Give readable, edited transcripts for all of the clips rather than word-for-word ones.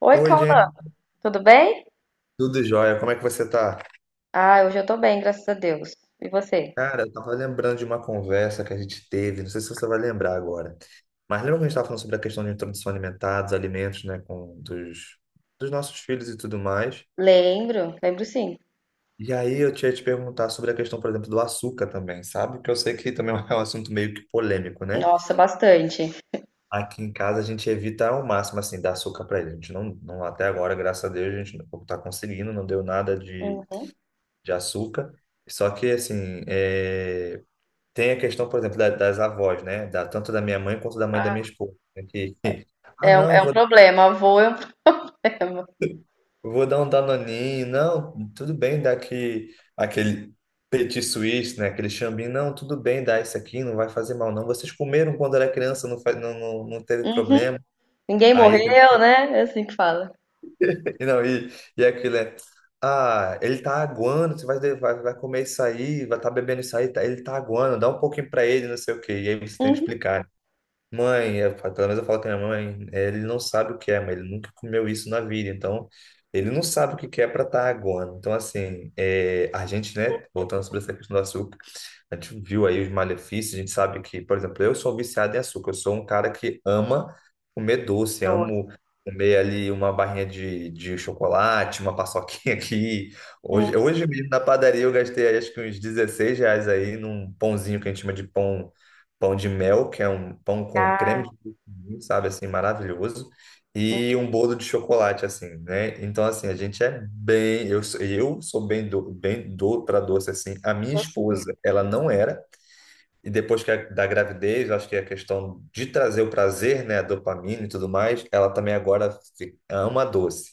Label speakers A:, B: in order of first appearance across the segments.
A: Oi,
B: Oi,
A: Cauã,
B: gente,
A: tudo bem?
B: tudo jóia? Como é que você tá?
A: Ah, hoje eu tô bem, graças a Deus. E você?
B: Cara, eu tava lembrando de uma conversa que a gente teve, não sei se você vai lembrar agora, mas lembra que a gente tava falando sobre a questão de introdução alimentar, dos alimentos, né, dos nossos filhos e tudo mais?
A: Lembro, lembro sim.
B: E aí eu tinha te perguntar sobre a questão, por exemplo, do açúcar também, sabe? Que eu sei que também é um assunto meio que polêmico, né?
A: Nossa, bastante.
B: Aqui em casa a gente evita ao máximo, assim, dar açúcar para ele. A gente não, até agora, graças a Deus, a gente não tá conseguindo, não deu nada de,
A: Uhum.
B: de açúcar. Só que, assim, Tem a questão, por exemplo, das avós, né? Tanto da minha mãe quanto da mãe da
A: Ah,
B: minha esposa, né? Que, não,
A: é um
B: vou,
A: problema, avô é um problema.
B: vou dar um danoninho. Não, tudo bem dar aqui, aquele petit suisse, né? Aquele chambinho. Não, tudo bem dar isso aqui, não vai fazer mal, não. Vocês comeram quando era criança, não, faz, não, não, não teve
A: Uhum.
B: problema.
A: Ninguém
B: Aí também,
A: morreu, né? É assim que fala.
B: não, e aquilo Ah, ele tá aguando, você vai comer isso aí, vai estar tá bebendo isso aí, ele tá aguando, dá um pouquinho pra ele, não sei o quê. E aí você tem que
A: Uhum.
B: explicar, né? Mãe, eu pelo menos eu falo com a minha mãe, ele não sabe o que é, mas ele nunca comeu isso na vida, então ele não sabe o que que é para estar agora. Então, assim, é, a gente, né, voltando sobre essa questão do açúcar, a gente viu aí os malefícios, a gente sabe que, por exemplo, eu sou viciado em açúcar, eu sou um cara que ama comer doce,
A: Doce.
B: amo comer ali uma barrinha de chocolate, uma paçoquinha aqui.
A: Uhum.
B: Hoje, hoje mesmo na padaria eu gastei acho que uns 16 reais aí num pãozinho que a gente chama de pão, pão de mel, que é um pão com creme
A: Ah,
B: de coco, sabe, assim, maravilhoso, e um bolo de chocolate, assim, né? Então, assim, a gente é bem. Eu sou bem bem do para doce, assim. A minha
A: você.
B: esposa, ela não era. E depois que da gravidez, eu acho que é a questão de trazer o prazer, né? A dopamina e tudo mais, ela também agora ama doce.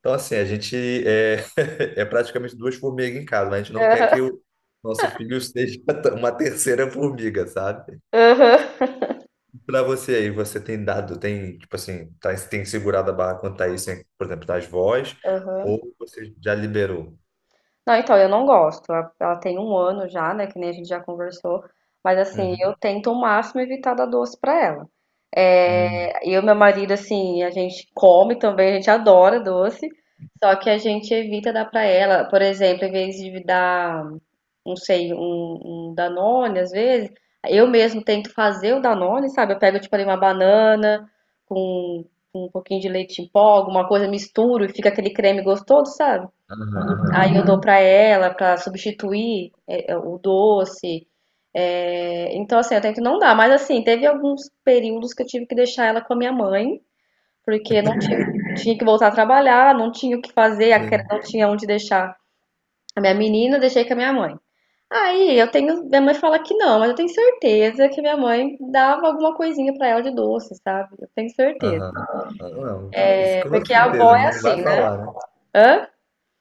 B: Então, assim, a gente é, é praticamente duas formigas em casa, mas a gente não quer que o nosso filho seja uma terceira formiga, sabe?
A: Aham. Aham.
B: Pra você aí, você tem dado, tem, tipo assim, tá, tem segurado a barra quanto a isso, hein? Por exemplo, das vozes, ou você já liberou?
A: Não, então, eu não gosto. Ela tem um ano já, né? Que nem a gente já conversou. Mas, assim, eu
B: Uhum.
A: tento ao máximo evitar dar doce pra ela.
B: Uhum.
A: É, eu e meu marido, assim, a gente come também, a gente adora doce. Só que a gente evita dar pra ela. Por exemplo, em vez de dar, não sei, um Danone, às vezes, eu mesmo tento fazer o Danone, sabe? Eu pego, tipo, ali uma banana com um pouquinho de leite em pó, alguma coisa, misturo e fica aquele creme gostoso, sabe?
B: Aham, aham.
A: Aí eu dou pra ela pra substituir é, é, o doce. É, então, assim, eu tenho que não dar. Mas, assim, teve alguns períodos que eu tive que deixar ela com a minha mãe, porque não tinha, tinha que voltar a trabalhar, não tinha o que fazer, a cre-
B: Sim.
A: não tinha onde deixar a minha menina, eu deixei com a minha mãe. Aí eu tenho, minha mãe fala que não, mas eu tenho certeza que minha mãe dava alguma coisinha pra ela de doce, sabe? Eu tenho certeza.
B: Aham. Ah, não, isso
A: É,
B: com
A: porque a
B: certeza,
A: avó é
B: não vai
A: assim, né?
B: falar, né?
A: Hã?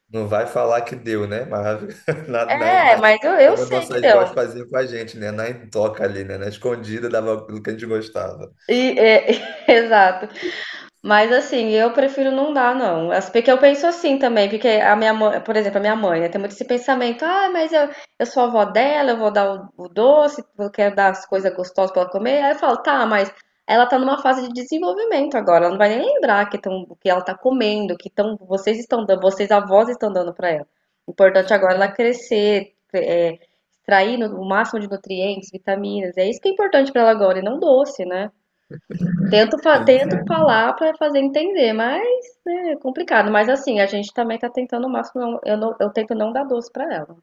B: Não vai falar que deu, né? Mas na, na,
A: É,
B: na-
A: mas eu
B: como as
A: sei que
B: nossas
A: deu.
B: vozes faziam com a gente, né? Na intoca ali, né? Na escondida dava aquilo que a gente gostava.
A: E, é, exato. Mas assim, eu prefiro não dar, não. As- Porque eu penso assim também, porque a minha mãe, por exemplo, a minha mãe, né, tem muito esse pensamento, ah, mas eu sou a avó dela, eu vou dar o doce, eu quero dar as coisas gostosas pra ela comer. Aí eu falo, tá, mas ela tá numa fase de desenvolvimento agora, ela não vai nem lembrar que tão, que ela tá comendo, que tão, vocês estão dando, vocês avós estão dando pra ela. O importante agora é ela crescer, é, extrair no- o máximo de nutrientes, vitaminas. É isso que é importante pra ela agora, e não doce, né? Tento, fa- tento falar para fazer entender, mas né, é complicado. Mas assim, a gente também tá tentando o máximo. Não- Eu, não- eu tento não dar doce para ela.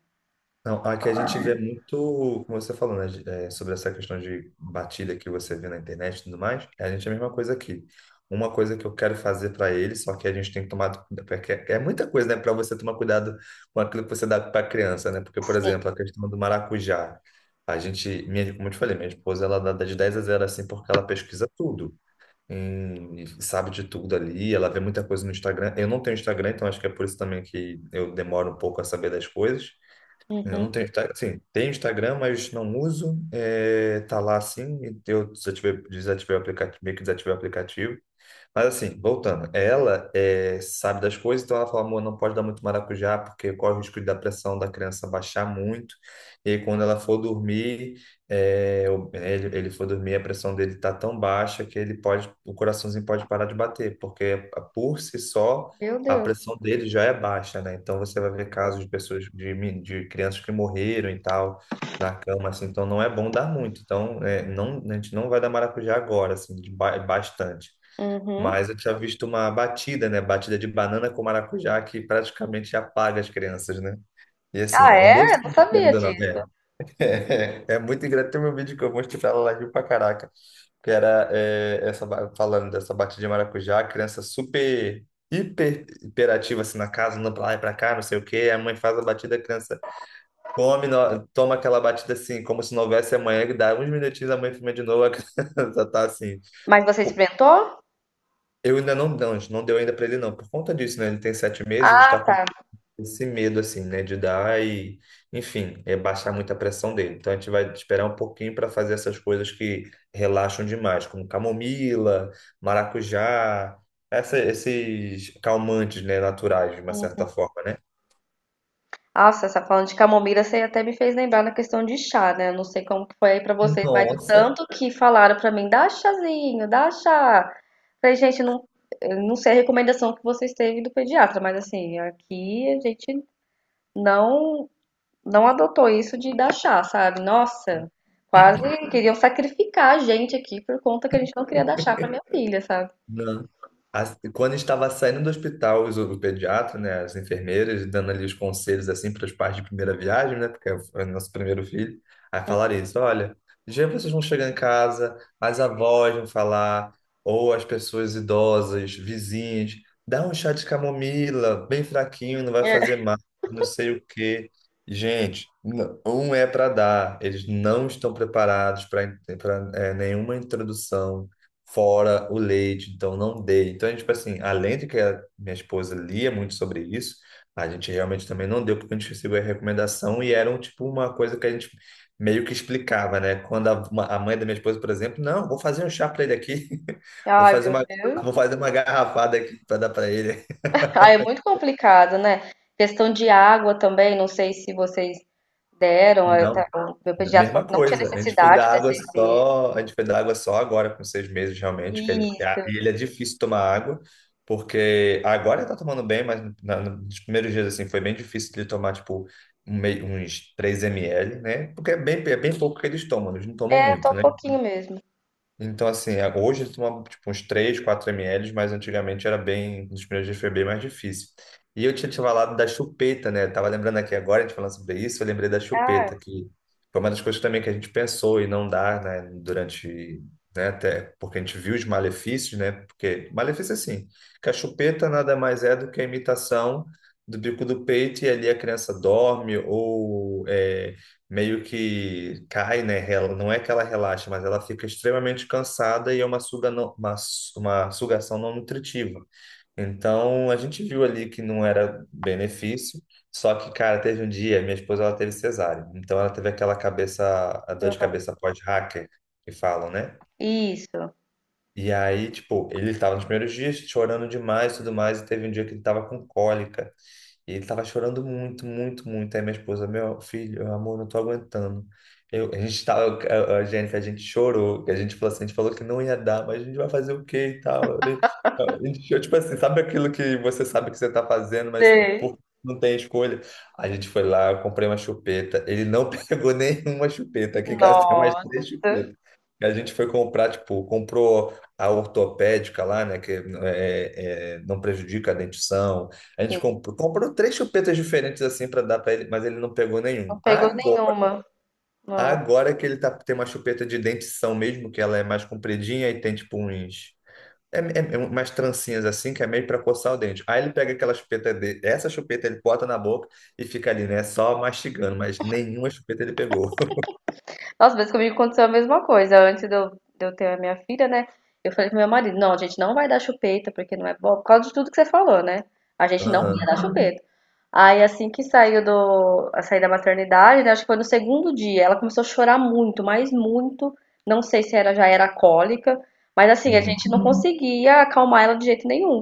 B: Não, aqui a gente vê muito, como você falou, né, sobre essa questão de batida que você vê na internet e tudo mais, é a gente é a mesma coisa aqui. Uma coisa que eu quero fazer para ele, só que a gente tem que tomar, porque é muita coisa, né, para você tomar cuidado com aquilo que você dá para a criança, né? Porque, por
A: Sim.
B: exemplo, a questão do maracujá, como eu te falei, minha esposa, ela dá de 10 a zero assim, porque ela pesquisa tudo. E sabe de tudo ali, ela vê muita coisa no Instagram. Eu não tenho Instagram, então acho que é por isso também que eu demoro um pouco a saber das coisas. Eu
A: Uhum.
B: não tenho Instagram, sim, tenho Instagram, mas não uso. É, tá lá assim, eu desativei o aplicativo, meio que desativei o aplicativo. Mas assim, voltando, ela é, sabe das coisas, então ela fala, amor, não pode dar muito maracujá, porque corre o risco da pressão da criança baixar muito. E aí, quando ela for dormir, é, ele for dormir, a pressão dele tá tão baixa que ele pode, o coraçãozinho pode parar de bater, porque por si só
A: Meu
B: a
A: Deus.
B: pressão dele já é baixa, né? Então você vai ver casos de pessoas, de crianças que morreram e tal. Na cama, assim, então não é bom dar muito. Então, é, não, a gente não vai dar maracujá agora, assim, de bastante.
A: Uhum.
B: Mas eu tinha visto uma batida, né? Batida de banana com maracujá que praticamente apaga as crianças, né? E assim,
A: Ah,
B: é um
A: é?
B: doce,
A: Eu não sabia
B: querendo ou não. É,
A: disso.
B: é muito engraçado. Tem um vídeo que eu mostrei pra ela, ela riu pra caraca. Que era é, essa, falando dessa batida de maracujá, a criança super, hiperativa assim na casa, andando pra lá e pra cá, não sei o quê. A mãe faz a batida, a criança come, toma aquela batida assim, como se não houvesse amanhã, e dá uns minutinhos, a mãe filma de novo, a criança tá assim.
A: Mas você experimentou?
B: Eu ainda não, a gente não deu ainda para ele não, por conta disso, né? Ele tem 7 meses, a gente está
A: Ah,
B: com
A: tá.
B: esse medo, assim, né? De dar e, enfim, é baixar muito a pressão dele. Então a gente vai esperar um pouquinho para fazer essas coisas que relaxam demais, como camomila, maracujá, esses calmantes, né? Naturais, de uma certa
A: Uhum.
B: forma, né?
A: Nossa, essa falando de camomila, você até me fez lembrar na questão de chá, né? Eu não sei como que foi aí pra vocês, mas o
B: Nossa!
A: tanto que falaram pra mim, dá chazinho, dá chá. Falei, gente, não, eu não sei a recomendação que vocês teve do pediatra, mas assim, aqui a gente não não adotou isso de dar chá, sabe? Nossa, quase queriam sacrificar a gente aqui por conta que a gente não queria dar chá pra minha filha, sabe?
B: Não. Quando estava saindo do hospital, o pediatra, né, as enfermeiras, dando ali os conselhos assim para os pais de primeira viagem, né, porque é o nosso primeiro filho, aí falaram isso: olha, já vocês vão chegar em casa, as avós vão falar, ou as pessoas idosas, vizinhos, dá um chá de camomila, bem fraquinho, não vai
A: É.
B: fazer mal, não sei o quê. Gente, um é para dar, eles não estão preparados para nenhuma introdução fora o leite, então não dê. Então, a gente, tipo assim, além de que a minha esposa lia muito sobre isso, a gente realmente também não deu, porque a gente recebeu a recomendação e era um, tipo uma coisa que a gente meio que explicava, né? Quando a mãe da minha esposa, por exemplo, não, vou fazer um chá para ele aqui, vou
A: Ai,
B: fazer
A: meu
B: uma,
A: Deus.
B: vou fazer uma garrafada aqui para dar para ele.
A: Ai, é muito complicado, né? Questão de água também, não sei se vocês deram, eu
B: Não.
A: ta- o meu pediatra falou
B: Mesma
A: que não tinha
B: coisa, a gente foi
A: necessidade
B: dar
A: até
B: água
A: seis meses.
B: só, a gente foi dar água só agora, com 6 meses realmente, que ele,
A: Isso.
B: e ele é difícil tomar água, porque agora ele tá tomando bem, mas nos primeiros dias, assim, foi bem difícil de tomar, tipo, um uns 3 ml, né? Porque é bem pouco que eles tomam, eles não tomam
A: É, só
B: muito,
A: um
B: né?
A: pouquinho mesmo.
B: Então, assim, hoje eu tomo tipo, uns 3 4 ml, mas antigamente era bem, nos primeiros dias foi bem mais difícil. E eu tinha te falado da chupeta, né? Eu tava lembrando aqui agora, a gente falando sobre isso, eu lembrei da
A: Ah,
B: chupeta, que foi uma das coisas também que a gente pensou e não dá, né? Durante, né? Até porque a gente viu os malefícios, né? Porque, malefício assim, que a chupeta nada mais é do que a imitação do bico do peito e ali a criança dorme ou é, meio que cai, né? Não é que ela relaxa, mas ela fica extremamente cansada e é uma, suga não- uma, su- uma sugação não nutritiva. Então, a gente viu ali que não era benefício, só que, cara, teve um dia, minha esposa, ela teve cesárea. Então, ela teve aquela cabeça, a dor de
A: aham.
B: cabeça pós-hacker, que falam, né?
A: Isso.
B: E aí, tipo, ele estava nos primeiros dias chorando demais e tudo mais, e teve um dia que ele estava com cólica. E ele tava chorando muito, muito, muito. Aí minha esposa, meu filho, amor, não tô aguentando. Eu, a gente tava, a Jennifer, a gente chorou, a gente falou assim, a gente falou que não ia dar, mas a gente vai fazer o quê e tal. E, a gente, eu, tipo assim, sabe aquilo que você sabe que você tá fazendo, mas por,
A: Sei.
B: não tem escolha? A gente foi lá, eu comprei uma chupeta. Ele não pegou nenhuma chupeta. Aqui em casa tem umas
A: Nossa.
B: três chupetas. E a gente foi comprar, tipo, comprou a ortopédica lá, né, que é, não prejudica a dentição, a gente
A: Sim,
B: comprou três chupetas diferentes assim para dar para ele, mas ele não pegou nenhum.
A: não pegou
B: Agora,
A: nenhuma. Nossa.
B: agora que ele tá, tem uma chupeta de dentição mesmo, que ela é mais compridinha e tem tipo uns. É umas trancinhas assim, que é meio para coçar o dente. Aí ele pega aquela chupeta dele, essa chupeta ele bota na boca e fica ali, né? Só mastigando, mas nenhuma chupeta ele pegou.
A: Nossa, mas comigo aconteceu a mesma coisa. Antes de eu ter a minha filha, né? Eu falei pro meu marido, não, a gente não vai dar chupeta, porque não é bom, por causa de tudo que você falou, né? A gente não ia
B: Aham.
A: dar chupeta. Aí assim que saiu do, a sair da maternidade, né, acho que foi no segundo dia, ela começou a chorar muito, mas muito. Não sei se era já era cólica, mas assim, a
B: Uhum.
A: gente não conseguia acalmar ela de jeito nenhum.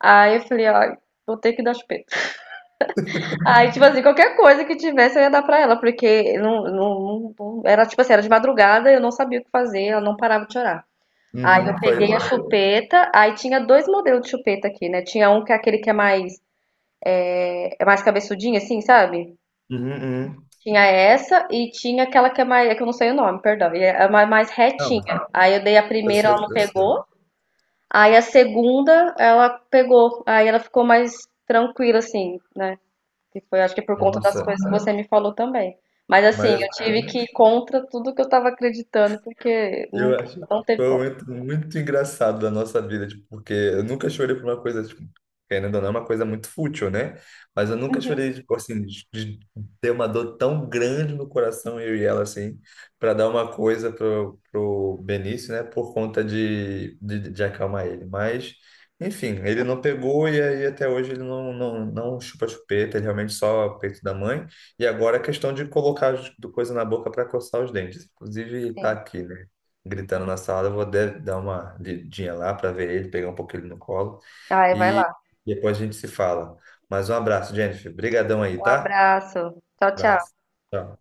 A: Aí eu falei, ai, vou ter que dar chupeta. Aí, tipo assim, qualquer coisa que tivesse eu ia dar pra ela, porque não, não, não- era tipo assim, era de madrugada, eu não sabia o que fazer, ela não parava de chorar. Aí
B: Uhum.
A: eu peguei a
B: Foi.
A: chupeta, aí tinha dois modelos de chupeta aqui, né? Tinha um que é aquele que é mais cabeçudinho, assim, sabe?
B: Uhum, uhum.
A: Tinha essa e tinha aquela que é mais, é que eu não sei o nome, perdão, e é mais, mais
B: Não,
A: retinha. Aí eu dei a
B: eu
A: primeira,
B: sei,
A: ela não
B: eu sei.
A: pegou, aí a segunda ela pegou, aí ela ficou mais tranquila, assim, né? Que foi, acho que por conta das
B: Nossa,
A: coisas que você me falou também. Mas assim,
B: mas
A: eu
B: é,
A: tive que ir contra tudo que eu tava acreditando, porque não,
B: eu acho que
A: não teve
B: foi um
A: como.
B: momento muito engraçado da nossa vida, tipo, porque eu nunca chorei por uma coisa, tipo, querendo ou não, é uma coisa muito fútil, né? Mas eu nunca
A: Uhum.
B: chorei, tipo, assim, de ter uma dor tão grande no coração, eu e ela, assim, para dar uma coisa pro Benício, né? Por conta de acalmar ele. Mas, enfim, ele não pegou, e aí até hoje ele não chupa chupeta, ele realmente só peito da mãe. E agora a questão de colocar do coisa na boca para coçar os dentes. Inclusive, tá
A: Sim.
B: aqui, né, gritando na sala. Eu vou dar uma lidinha lá para ver ele, pegar um pouquinho ele no colo.
A: Ai, vai lá.
B: E depois a gente se fala. Mas um abraço, Jennifer. Obrigadão aí,
A: Um
B: tá?
A: abraço. Tchau, tchau.
B: Abraço. Tchau.